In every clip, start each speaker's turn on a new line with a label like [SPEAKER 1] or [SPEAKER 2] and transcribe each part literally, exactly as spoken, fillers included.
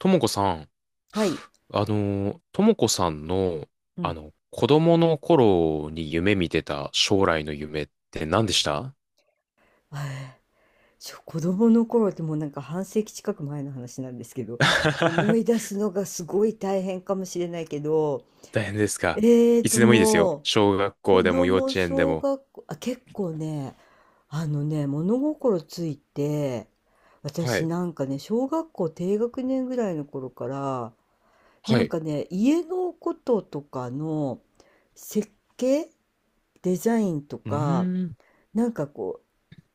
[SPEAKER 1] ともこさん、
[SPEAKER 2] はい。
[SPEAKER 1] あの、ともこさんの、
[SPEAKER 2] う
[SPEAKER 1] あ
[SPEAKER 2] ん。
[SPEAKER 1] の、子供の頃に夢見てた将来の夢って何でした？
[SPEAKER 2] えーしょ子供の頃ってもうなんか半世紀近く前の話なんですけど、思い出 すのがすごい大変かもしれないけど、
[SPEAKER 1] 大変ですか。
[SPEAKER 2] ええ
[SPEAKER 1] いつ
[SPEAKER 2] と
[SPEAKER 1] でもいいですよ。
[SPEAKER 2] もう、
[SPEAKER 1] 小学校
[SPEAKER 2] 子
[SPEAKER 1] でも幼
[SPEAKER 2] 供
[SPEAKER 1] 稚園で
[SPEAKER 2] 小
[SPEAKER 1] も。
[SPEAKER 2] 学校、あ、結構ね、あのね、物心ついて、
[SPEAKER 1] は
[SPEAKER 2] 私
[SPEAKER 1] い。
[SPEAKER 2] なんかね、小学校低学年ぐらいの頃から、な
[SPEAKER 1] は
[SPEAKER 2] ん
[SPEAKER 1] い。
[SPEAKER 2] かね、家のこととかの設計、デザインと
[SPEAKER 1] うー
[SPEAKER 2] か、
[SPEAKER 1] ん。
[SPEAKER 2] なんかこ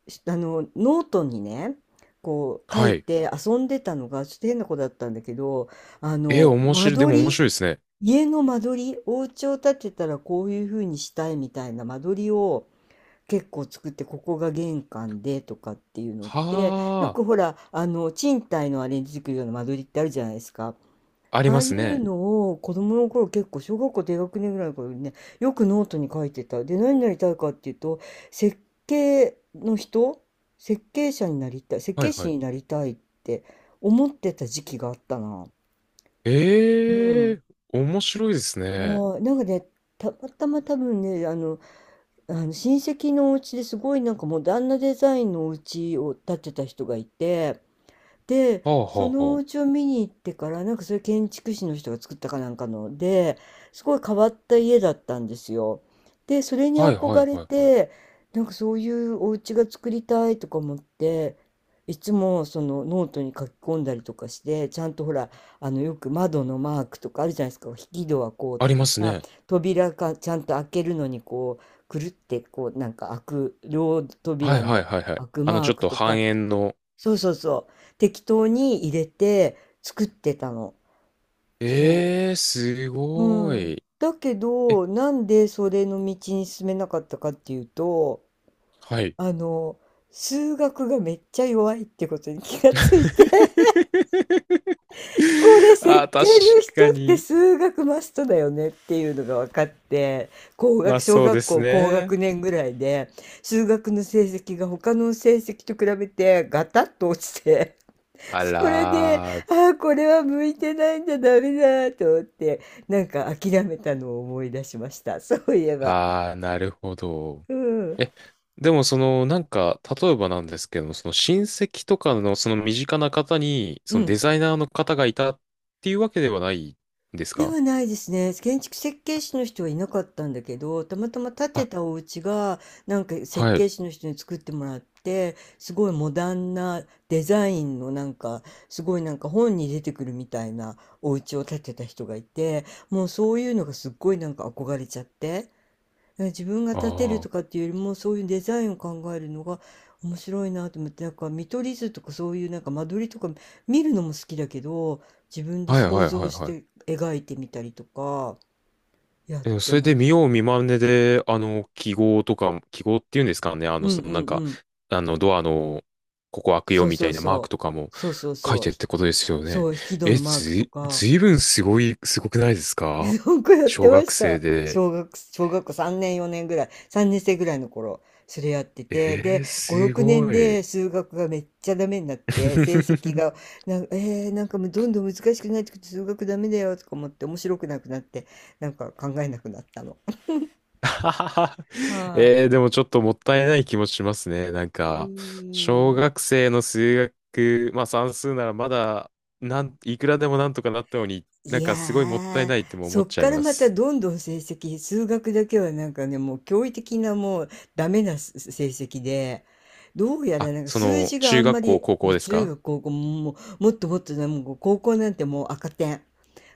[SPEAKER 2] しあのノートにねこう書
[SPEAKER 1] は
[SPEAKER 2] い
[SPEAKER 1] い。
[SPEAKER 2] て遊んでたのがちょっと変な子だったんだけど、あ
[SPEAKER 1] えー、
[SPEAKER 2] の
[SPEAKER 1] 面
[SPEAKER 2] 間
[SPEAKER 1] 白い。でも
[SPEAKER 2] 取
[SPEAKER 1] 面
[SPEAKER 2] り、
[SPEAKER 1] 白いですね。
[SPEAKER 2] 家の間取り、お家を建てたらこういう風にしたいみたいな間取りを結構作って、ここが玄関でとかっていうのって、よ
[SPEAKER 1] は
[SPEAKER 2] くほらあの賃貸のあれに出てくるような間取りってあるじゃないですか。
[SPEAKER 1] あ、あり
[SPEAKER 2] ああ
[SPEAKER 1] ま
[SPEAKER 2] い
[SPEAKER 1] す
[SPEAKER 2] う
[SPEAKER 1] ね。
[SPEAKER 2] のを子供の頃、結構小学校低学年ぐらいの頃にねよくノートに書いてた。で、何になりたいかっていうと、設計の人設計者になりたい、設
[SPEAKER 1] は
[SPEAKER 2] 計
[SPEAKER 1] いは
[SPEAKER 2] 士
[SPEAKER 1] い。
[SPEAKER 2] になりたいって思ってた時期があったな。う
[SPEAKER 1] え
[SPEAKER 2] ん。
[SPEAKER 1] え面白いですね。
[SPEAKER 2] はい。なんかね、たまたま多分ね、あの、あの親戚のお家ですごいなんかモダンなデザインのお家を建てた人がいて。で、
[SPEAKER 1] はあは
[SPEAKER 2] そ
[SPEAKER 1] あ
[SPEAKER 2] のお
[SPEAKER 1] は
[SPEAKER 2] 家を見に行ってから、なんかそれ建築士の人が作ったかなんかので、すごい変わった家だったんですよ。で、それに
[SPEAKER 1] あ。はいはい
[SPEAKER 2] 憧れ
[SPEAKER 1] はいはい。
[SPEAKER 2] て、なんかそういうお家が作りたいとか思って、いつもそのノートに書き込んだりとかして、ちゃんとほら、あのよく窓のマークとかあるじゃないですか、引き戸はこう
[SPEAKER 1] あ
[SPEAKER 2] と
[SPEAKER 1] りま
[SPEAKER 2] か
[SPEAKER 1] す
[SPEAKER 2] さ、
[SPEAKER 1] ね。
[SPEAKER 2] 扉がちゃんと開けるのにこう、くるってこうなんか開く、両
[SPEAKER 1] はい
[SPEAKER 2] 扉
[SPEAKER 1] はい
[SPEAKER 2] の
[SPEAKER 1] はいはい。
[SPEAKER 2] 開く
[SPEAKER 1] あの、
[SPEAKER 2] マ
[SPEAKER 1] ち
[SPEAKER 2] ー
[SPEAKER 1] ょっ
[SPEAKER 2] ク
[SPEAKER 1] と
[SPEAKER 2] と
[SPEAKER 1] 半
[SPEAKER 2] か、
[SPEAKER 1] 円の、
[SPEAKER 2] そうそうそう。適当に入れて作ってたの。そ
[SPEAKER 1] ええー、す
[SPEAKER 2] う。
[SPEAKER 1] ご
[SPEAKER 2] うん。
[SPEAKER 1] い。
[SPEAKER 2] だけ
[SPEAKER 1] え、
[SPEAKER 2] ど、なんでそれの道に進めなかったかっていうと、
[SPEAKER 1] はい。
[SPEAKER 2] あの、数学がめっちゃ弱いってことに気がついて、これ設
[SPEAKER 1] あ
[SPEAKER 2] 計
[SPEAKER 1] ー、
[SPEAKER 2] の
[SPEAKER 1] 確
[SPEAKER 2] 人
[SPEAKER 1] か
[SPEAKER 2] って
[SPEAKER 1] に。
[SPEAKER 2] 数学マストだよねっていうのが分かって、高
[SPEAKER 1] ま
[SPEAKER 2] 学、
[SPEAKER 1] あ
[SPEAKER 2] 小
[SPEAKER 1] そうで
[SPEAKER 2] 学
[SPEAKER 1] す
[SPEAKER 2] 校高学
[SPEAKER 1] ね。
[SPEAKER 2] 年ぐらいで、数学の成績が他の成績と比べてガタッと落ちて、
[SPEAKER 1] あ
[SPEAKER 2] それで、
[SPEAKER 1] らー、
[SPEAKER 2] ああ、これは向いてないんだ、ダメだと思って、なんか諦めたのを思い出しました。そういえば。
[SPEAKER 1] あー、なるほど。
[SPEAKER 2] うん。
[SPEAKER 1] え、でもその、なんか、例えばなんですけども、その親戚とかのその身近な方に、
[SPEAKER 2] う
[SPEAKER 1] そのデ
[SPEAKER 2] ん。
[SPEAKER 1] ザイナーの方がいたっていうわけではないんです
[SPEAKER 2] で
[SPEAKER 1] か？
[SPEAKER 2] はないですね。建築設計士の人はいなかったんだけど、たまたま建て
[SPEAKER 1] あ、
[SPEAKER 2] たお家が、なんか設
[SPEAKER 1] は
[SPEAKER 2] 計
[SPEAKER 1] い。
[SPEAKER 2] 士の人に作ってもらって、すごいモダンなデザインのなんか、すごいなんか本に出てくるみたいなお家を建てた人がいて、もうそういうのがすっごいなんか憧れちゃって。自分が
[SPEAKER 1] ああ、
[SPEAKER 2] 立てると
[SPEAKER 1] は
[SPEAKER 2] かっていうよりも、そういうデザインを考えるのが面白いなと思って、なんか見取り図とかそういうなんか間取りとか見るのも好きだけど、自分
[SPEAKER 1] い
[SPEAKER 2] で
[SPEAKER 1] はいは
[SPEAKER 2] 想
[SPEAKER 1] い
[SPEAKER 2] 像し
[SPEAKER 1] は
[SPEAKER 2] て
[SPEAKER 1] い。
[SPEAKER 2] 描いてみたりとかやっ
[SPEAKER 1] えでも
[SPEAKER 2] て
[SPEAKER 1] それ
[SPEAKER 2] ま
[SPEAKER 1] で見
[SPEAKER 2] す。
[SPEAKER 1] よう見まねで、あの、記号とか、記号っていうんですかね、あ
[SPEAKER 2] う
[SPEAKER 1] の、
[SPEAKER 2] ん
[SPEAKER 1] そ
[SPEAKER 2] う
[SPEAKER 1] のなん
[SPEAKER 2] ん
[SPEAKER 1] か、
[SPEAKER 2] うん。
[SPEAKER 1] あの、ドアの、ここ開くよ
[SPEAKER 2] そう
[SPEAKER 1] み
[SPEAKER 2] そ
[SPEAKER 1] た
[SPEAKER 2] う
[SPEAKER 1] いなマーク
[SPEAKER 2] そ
[SPEAKER 1] と
[SPEAKER 2] う。
[SPEAKER 1] かも
[SPEAKER 2] そうそう
[SPEAKER 1] 書い
[SPEAKER 2] そう。
[SPEAKER 1] てっ
[SPEAKER 2] ひ
[SPEAKER 1] てことですよね。
[SPEAKER 2] そう、引き戸
[SPEAKER 1] え、
[SPEAKER 2] のマー
[SPEAKER 1] ず
[SPEAKER 2] クと
[SPEAKER 1] い、
[SPEAKER 2] か。
[SPEAKER 1] ずいぶんすごい、すごくないですか？
[SPEAKER 2] 本校やっ
[SPEAKER 1] 小
[SPEAKER 2] てま
[SPEAKER 1] 学
[SPEAKER 2] し
[SPEAKER 1] 生
[SPEAKER 2] た。
[SPEAKER 1] で。
[SPEAKER 2] 小学、小学校さんねん、よねんぐらい、さんねん生ぐらいの頃、それやってて、
[SPEAKER 1] え
[SPEAKER 2] で、
[SPEAKER 1] ー、
[SPEAKER 2] ご、
[SPEAKER 1] す
[SPEAKER 2] ろくねん
[SPEAKER 1] ごい。
[SPEAKER 2] で数学がめっちゃダメになって、成績 が、なんか、えー、なんかもうどんどん難しくなってくて、数学ダメだよとか思って、面白くなくなって、なんか考えなくなったの。
[SPEAKER 1] ははは
[SPEAKER 2] はい。
[SPEAKER 1] えー、でもちょっともったいない気もしますね。なん
[SPEAKER 2] う
[SPEAKER 1] か、
[SPEAKER 2] ー
[SPEAKER 1] 小
[SPEAKER 2] ん。
[SPEAKER 1] 学生の数学、まあ算数ならまだ、なん、いくらでもなんとかなったのに、な
[SPEAKER 2] い
[SPEAKER 1] ん
[SPEAKER 2] や
[SPEAKER 1] かすごいもったいな
[SPEAKER 2] ー、
[SPEAKER 1] いっても思
[SPEAKER 2] そ
[SPEAKER 1] っ
[SPEAKER 2] っ
[SPEAKER 1] ちゃい
[SPEAKER 2] から
[SPEAKER 1] ま
[SPEAKER 2] また
[SPEAKER 1] す。
[SPEAKER 2] どんどん成績、数学だけはなんかね、もう驚異的なもうダメなす成績で、どうや
[SPEAKER 1] あ、
[SPEAKER 2] らなんか
[SPEAKER 1] そ
[SPEAKER 2] 数
[SPEAKER 1] の、
[SPEAKER 2] 字があ
[SPEAKER 1] 中
[SPEAKER 2] んま
[SPEAKER 1] 学校、
[SPEAKER 2] り、
[SPEAKER 1] 高
[SPEAKER 2] も
[SPEAKER 1] 校
[SPEAKER 2] う
[SPEAKER 1] です
[SPEAKER 2] 中
[SPEAKER 1] か？
[SPEAKER 2] 学、高校も、もうもっともっとだ、もう高校なんてもう赤点。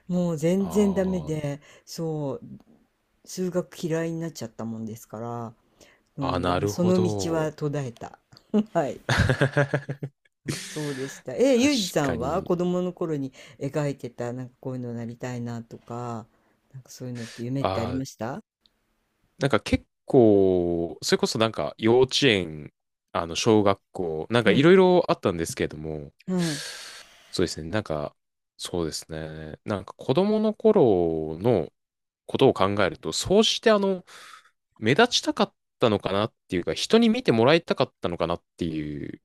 [SPEAKER 2] もう
[SPEAKER 1] あ
[SPEAKER 2] 全然ダメ
[SPEAKER 1] ー
[SPEAKER 2] で、そう、数学嫌いになっちゃったもんですから、う
[SPEAKER 1] あ、
[SPEAKER 2] ん、で
[SPEAKER 1] な
[SPEAKER 2] も
[SPEAKER 1] る
[SPEAKER 2] そ
[SPEAKER 1] ほ
[SPEAKER 2] の道は
[SPEAKER 1] ど。
[SPEAKER 2] 途絶えた。はい。そうでした。え、
[SPEAKER 1] 確
[SPEAKER 2] ゆうじさ
[SPEAKER 1] か
[SPEAKER 2] んは
[SPEAKER 1] に。
[SPEAKER 2] 子供の頃に描いてた、なんかこういうのなりたいなとか、なんかそういうのって夢ってあり
[SPEAKER 1] ああ、
[SPEAKER 2] ました？
[SPEAKER 1] なんか結構、それこそなんか幼稚園、あの小学校、なん
[SPEAKER 2] う
[SPEAKER 1] かい
[SPEAKER 2] ん。
[SPEAKER 1] ろいろあったんですけれども、
[SPEAKER 2] はい。
[SPEAKER 1] そうですね、なんか、そうですね、なんか子供の頃のことを考えると、そうしてあの、目立ちたかったのかなっていうか、人に見てもらいたかったのかなっていう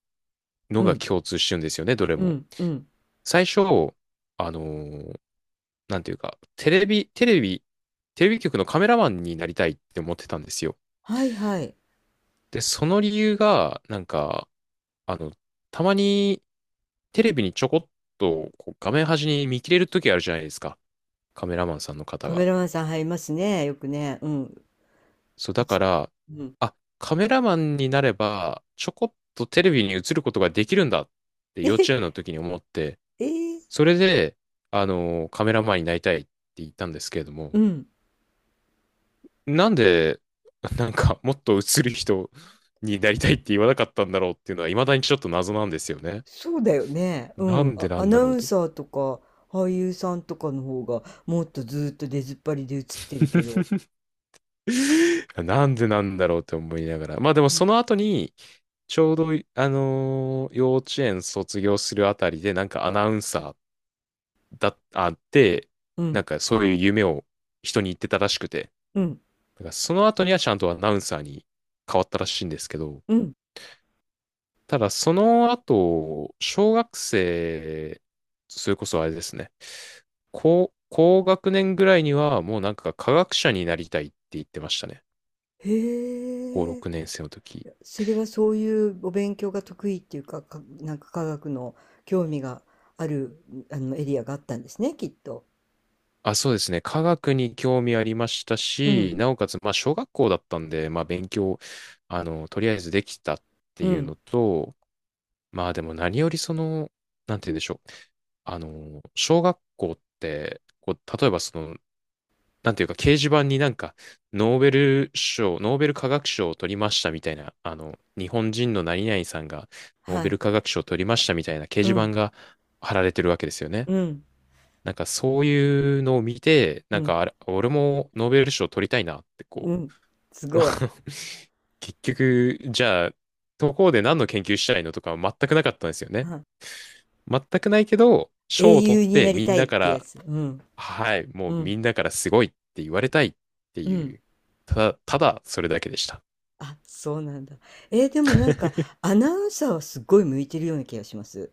[SPEAKER 2] う
[SPEAKER 1] のが
[SPEAKER 2] ん。
[SPEAKER 1] 共通してるんですよね、どれ
[SPEAKER 2] う
[SPEAKER 1] も。
[SPEAKER 2] ん。うん。
[SPEAKER 1] 最初、あのーなんていうか、テレビ、テレビ、テレビ局のカメラマンになりたいって思ってたんですよ。
[SPEAKER 2] はいはい。
[SPEAKER 1] で、その理由が、なんか、あの、たまにテレビにちょこっとこう画面端に見切れる時あるじゃないですか。カメラマンさんの方
[SPEAKER 2] カメ
[SPEAKER 1] が。
[SPEAKER 2] ラマンさん入りますね。よくね。うん。
[SPEAKER 1] そう、
[SPEAKER 2] う
[SPEAKER 1] だか
[SPEAKER 2] つ、
[SPEAKER 1] ら、
[SPEAKER 2] うん。
[SPEAKER 1] あ、カメラマンになれば、ちょこっとテレビに映ることができるんだって幼稚
[SPEAKER 2] え、
[SPEAKER 1] 園の時に思って、
[SPEAKER 2] えー
[SPEAKER 1] それで、あの、カメラマンになりたいって言ったんですけれども、
[SPEAKER 2] うん。
[SPEAKER 1] なんで、なんか、もっと映る人になりたいって言わなかったんだろうっていうのは、未だにちょっと謎なんですよね。
[SPEAKER 2] そうだよね。う
[SPEAKER 1] な
[SPEAKER 2] ん。
[SPEAKER 1] んで
[SPEAKER 2] あ、
[SPEAKER 1] な
[SPEAKER 2] ア
[SPEAKER 1] ん
[SPEAKER 2] ナ
[SPEAKER 1] だ
[SPEAKER 2] ウ
[SPEAKER 1] ろうっ
[SPEAKER 2] ン
[SPEAKER 1] て。
[SPEAKER 2] サーとか俳優さんとかの方がもっとずーっと出ずっぱりで映ってるけど。
[SPEAKER 1] なんでなんだろうって思いながら。まあでも
[SPEAKER 2] う
[SPEAKER 1] そ
[SPEAKER 2] ん。
[SPEAKER 1] の後に、ちょうど、あのー幼稚園卒業するあたりで、なんかアナウンサーだ、あって、
[SPEAKER 2] う
[SPEAKER 1] なん
[SPEAKER 2] ん。
[SPEAKER 1] かそういう夢を人に言ってたらしくて、
[SPEAKER 2] うん。
[SPEAKER 1] だからその後にはちゃんとアナウンサーに変わったらしいんですけど、
[SPEAKER 2] うん。
[SPEAKER 1] ただその後、小学生、それこそあれですね、高、高学年ぐらいにはもうなんか科学者になりたいって言ってましたね。
[SPEAKER 2] へ
[SPEAKER 1] 高
[SPEAKER 2] え。
[SPEAKER 1] ろくねん生の時。
[SPEAKER 2] それはそういうお勉強が得意っていうか、か、なんか科学の興味がある、あの、エリアがあったんですね、きっと。
[SPEAKER 1] あ、そうですね。科学に興味ありました
[SPEAKER 2] うん、
[SPEAKER 1] し、なおかつ、まあ、小学校だったんで、まあ、勉強、あの、とりあえずできたって
[SPEAKER 2] う
[SPEAKER 1] いう
[SPEAKER 2] ん、
[SPEAKER 1] のと、まあ、でも何よりその、なんて言うんでしょう。あの、小学校って、こう、例えばその、なんていうか、掲示板になんか、ノーベル賞、ノーベル化学賞を取りましたみたいな、あの、日本人の何々さんが、ノー
[SPEAKER 2] は
[SPEAKER 1] ベ
[SPEAKER 2] い、
[SPEAKER 1] ル化学賞を取りましたみたいな掲
[SPEAKER 2] う
[SPEAKER 1] 示板
[SPEAKER 2] ん、
[SPEAKER 1] が貼られてるわけですよね。
[SPEAKER 2] うん、
[SPEAKER 1] なんかそういうのを見て、
[SPEAKER 2] う
[SPEAKER 1] なん
[SPEAKER 2] ん、
[SPEAKER 1] かあれ、俺もノーベル賞取りたいなって
[SPEAKER 2] う
[SPEAKER 1] こ
[SPEAKER 2] ん、す
[SPEAKER 1] う、まあ
[SPEAKER 2] ごい。
[SPEAKER 1] 結局、じゃあ、どこで何の研究したいのとかは全くなかったんですよね。
[SPEAKER 2] はい、
[SPEAKER 1] 全くないけど、
[SPEAKER 2] 英
[SPEAKER 1] 賞を取っ
[SPEAKER 2] 雄に
[SPEAKER 1] て
[SPEAKER 2] なり
[SPEAKER 1] みん
[SPEAKER 2] たい
[SPEAKER 1] な
[SPEAKER 2] っ
[SPEAKER 1] か
[SPEAKER 2] てや
[SPEAKER 1] ら、
[SPEAKER 2] つ。うん、
[SPEAKER 1] はい、も
[SPEAKER 2] う
[SPEAKER 1] う
[SPEAKER 2] ん、
[SPEAKER 1] みんなからすごいって言われたいって
[SPEAKER 2] うん。
[SPEAKER 1] いう、ただ、ただそれだけでした。
[SPEAKER 2] あ、そうなんだ。えーでもなんか、アナウンサーはすごい向いてるような気がします。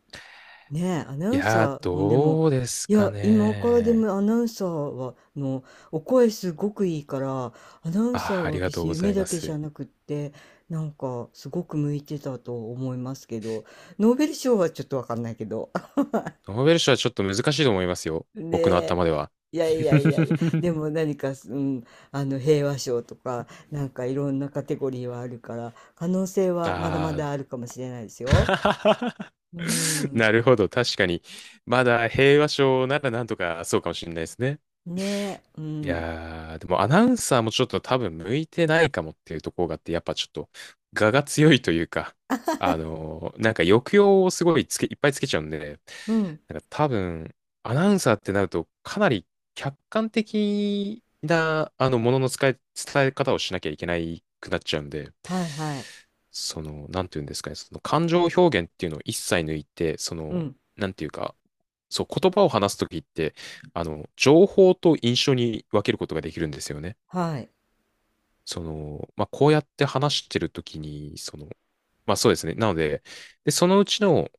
[SPEAKER 2] ねえ、アナ
[SPEAKER 1] い
[SPEAKER 2] ウン
[SPEAKER 1] やー、
[SPEAKER 2] サーもでも、
[SPEAKER 1] どうです
[SPEAKER 2] い
[SPEAKER 1] か
[SPEAKER 2] や、今からで
[SPEAKER 1] ね。
[SPEAKER 2] もアナウンサーは、の、お声すごくいいから、アナウンサー
[SPEAKER 1] あー、あり
[SPEAKER 2] は
[SPEAKER 1] が
[SPEAKER 2] 決し
[SPEAKER 1] とう
[SPEAKER 2] て
[SPEAKER 1] ござ
[SPEAKER 2] 夢
[SPEAKER 1] い
[SPEAKER 2] だ
[SPEAKER 1] ま
[SPEAKER 2] けじ
[SPEAKER 1] す。
[SPEAKER 2] ゃなくって、なんか、すごく向いてたと思いますけど、ノーベル賞はちょっとわかんないけど。
[SPEAKER 1] ノーベル賞はちょっと難しいと思いますよ。僕の
[SPEAKER 2] ね
[SPEAKER 1] 頭では。
[SPEAKER 2] いやいやいやいや、で も何か、うん、あの、平和賞とか、なんかいろんなカテゴリーはあるから、可能性はまだま
[SPEAKER 1] あ
[SPEAKER 2] だあるかもしれないですよ。
[SPEAKER 1] あ。
[SPEAKER 2] うん。
[SPEAKER 1] なるほど。確かに。まだ平和賞ならなんとかそうかもしれないですね。
[SPEAKER 2] ねえ、う
[SPEAKER 1] い
[SPEAKER 2] ん。
[SPEAKER 1] やー、でもアナウンサーもちょっと多分向いてないかもっていうところがあって、やっぱちょっと、我が強いというか、あのーなんか抑揚をすごいつけ、いっぱいつけちゃうんで、
[SPEAKER 2] うん。
[SPEAKER 1] なんか多分、アナウンサーってなると、かなり客観的な、あの、ものの使い、伝え方をしなきゃいけないくなっちゃうんで、
[SPEAKER 2] はいはい。
[SPEAKER 1] その、なんていうんですかね、その感情表現っていうのを一切抜いて、そ
[SPEAKER 2] う
[SPEAKER 1] の、
[SPEAKER 2] ん、
[SPEAKER 1] なんていうか、そう、言葉を話すときって、あの、情報と印象に分けることができるんですよね。
[SPEAKER 2] はい。
[SPEAKER 1] その、まあ、こうやって話してるときに、その、まあ、そうですね。なので、で、そのうちの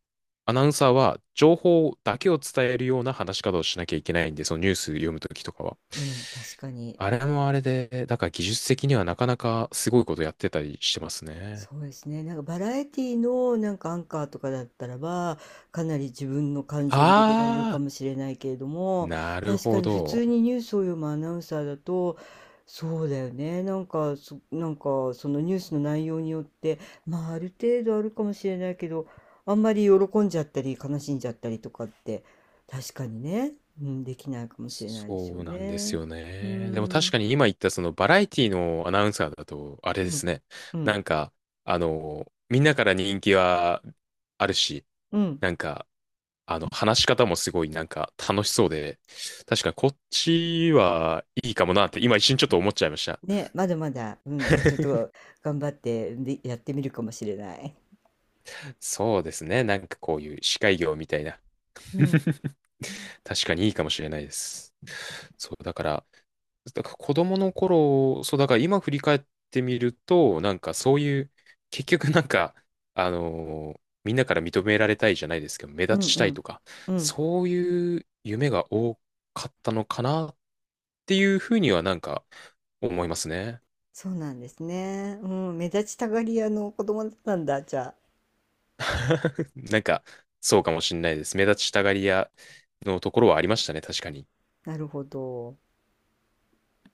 [SPEAKER 1] アナウンサーは、情報だけを伝えるような話し方をしなきゃいけないんで、そのニュース読むときとかは。
[SPEAKER 2] うん、確かに。
[SPEAKER 1] あれもあれで、だから技術的にはなかなかすごいことやってたりしてますね。
[SPEAKER 2] そうですね。なんかバラエティのなんかアンカーとかだったらば、かなり自分の感情も入れられるか
[SPEAKER 1] あ
[SPEAKER 2] もしれないけれど
[SPEAKER 1] ー、
[SPEAKER 2] も、
[SPEAKER 1] なる
[SPEAKER 2] 確か
[SPEAKER 1] ほ
[SPEAKER 2] に普通
[SPEAKER 1] ど。
[SPEAKER 2] にニュースを読むアナウンサーだと、そうだよね。なんか、そ、なんかそのニュースの内容によって、まあある程度あるかもしれないけど、あんまり喜んじゃったり悲しんじゃったりとかって、確かにね、うん、できないかもしれないです
[SPEAKER 1] そ
[SPEAKER 2] よ
[SPEAKER 1] うなんです
[SPEAKER 2] ね。
[SPEAKER 1] よ
[SPEAKER 2] うー
[SPEAKER 1] ね。でも確
[SPEAKER 2] ん、
[SPEAKER 1] かに今言ったそのバラエティのアナウンサーだと、あれ
[SPEAKER 2] う
[SPEAKER 1] で
[SPEAKER 2] ん、
[SPEAKER 1] すね。
[SPEAKER 2] う
[SPEAKER 1] な
[SPEAKER 2] ん。
[SPEAKER 1] んか、あの、みんなから人気はあるし、
[SPEAKER 2] うん。
[SPEAKER 1] なんか、あの、話し方もすごいなんか楽しそうで、確かにこっちはいいかもなって今一瞬ちょっと思っちゃいました。
[SPEAKER 2] ね、まだまだ、うん、ちょっと頑張って、で、やってみるかもしれない。
[SPEAKER 1] そうですね。なんかこういう司会業みたいな。
[SPEAKER 2] うん、
[SPEAKER 1] 確かにいいかもしれないです。そう、だから、だから、子供の頃、そう、だから今振り返ってみると、なんかそういう、結局なんか、あのーみんなから認められたいじゃないですけど、目
[SPEAKER 2] うん、
[SPEAKER 1] 立ち
[SPEAKER 2] う
[SPEAKER 1] たい
[SPEAKER 2] ん、
[SPEAKER 1] とか、
[SPEAKER 2] うん。
[SPEAKER 1] そういう夢が多かったのかなっていうふうにはなんか思いますね。
[SPEAKER 2] そうなんですね。うん、目立ちたがり屋の子供だったんだ、じゃ
[SPEAKER 1] なんか、そうかもしれないです。目立ちたがり屋のところはありましたね、確かに。
[SPEAKER 2] あ。なるほど。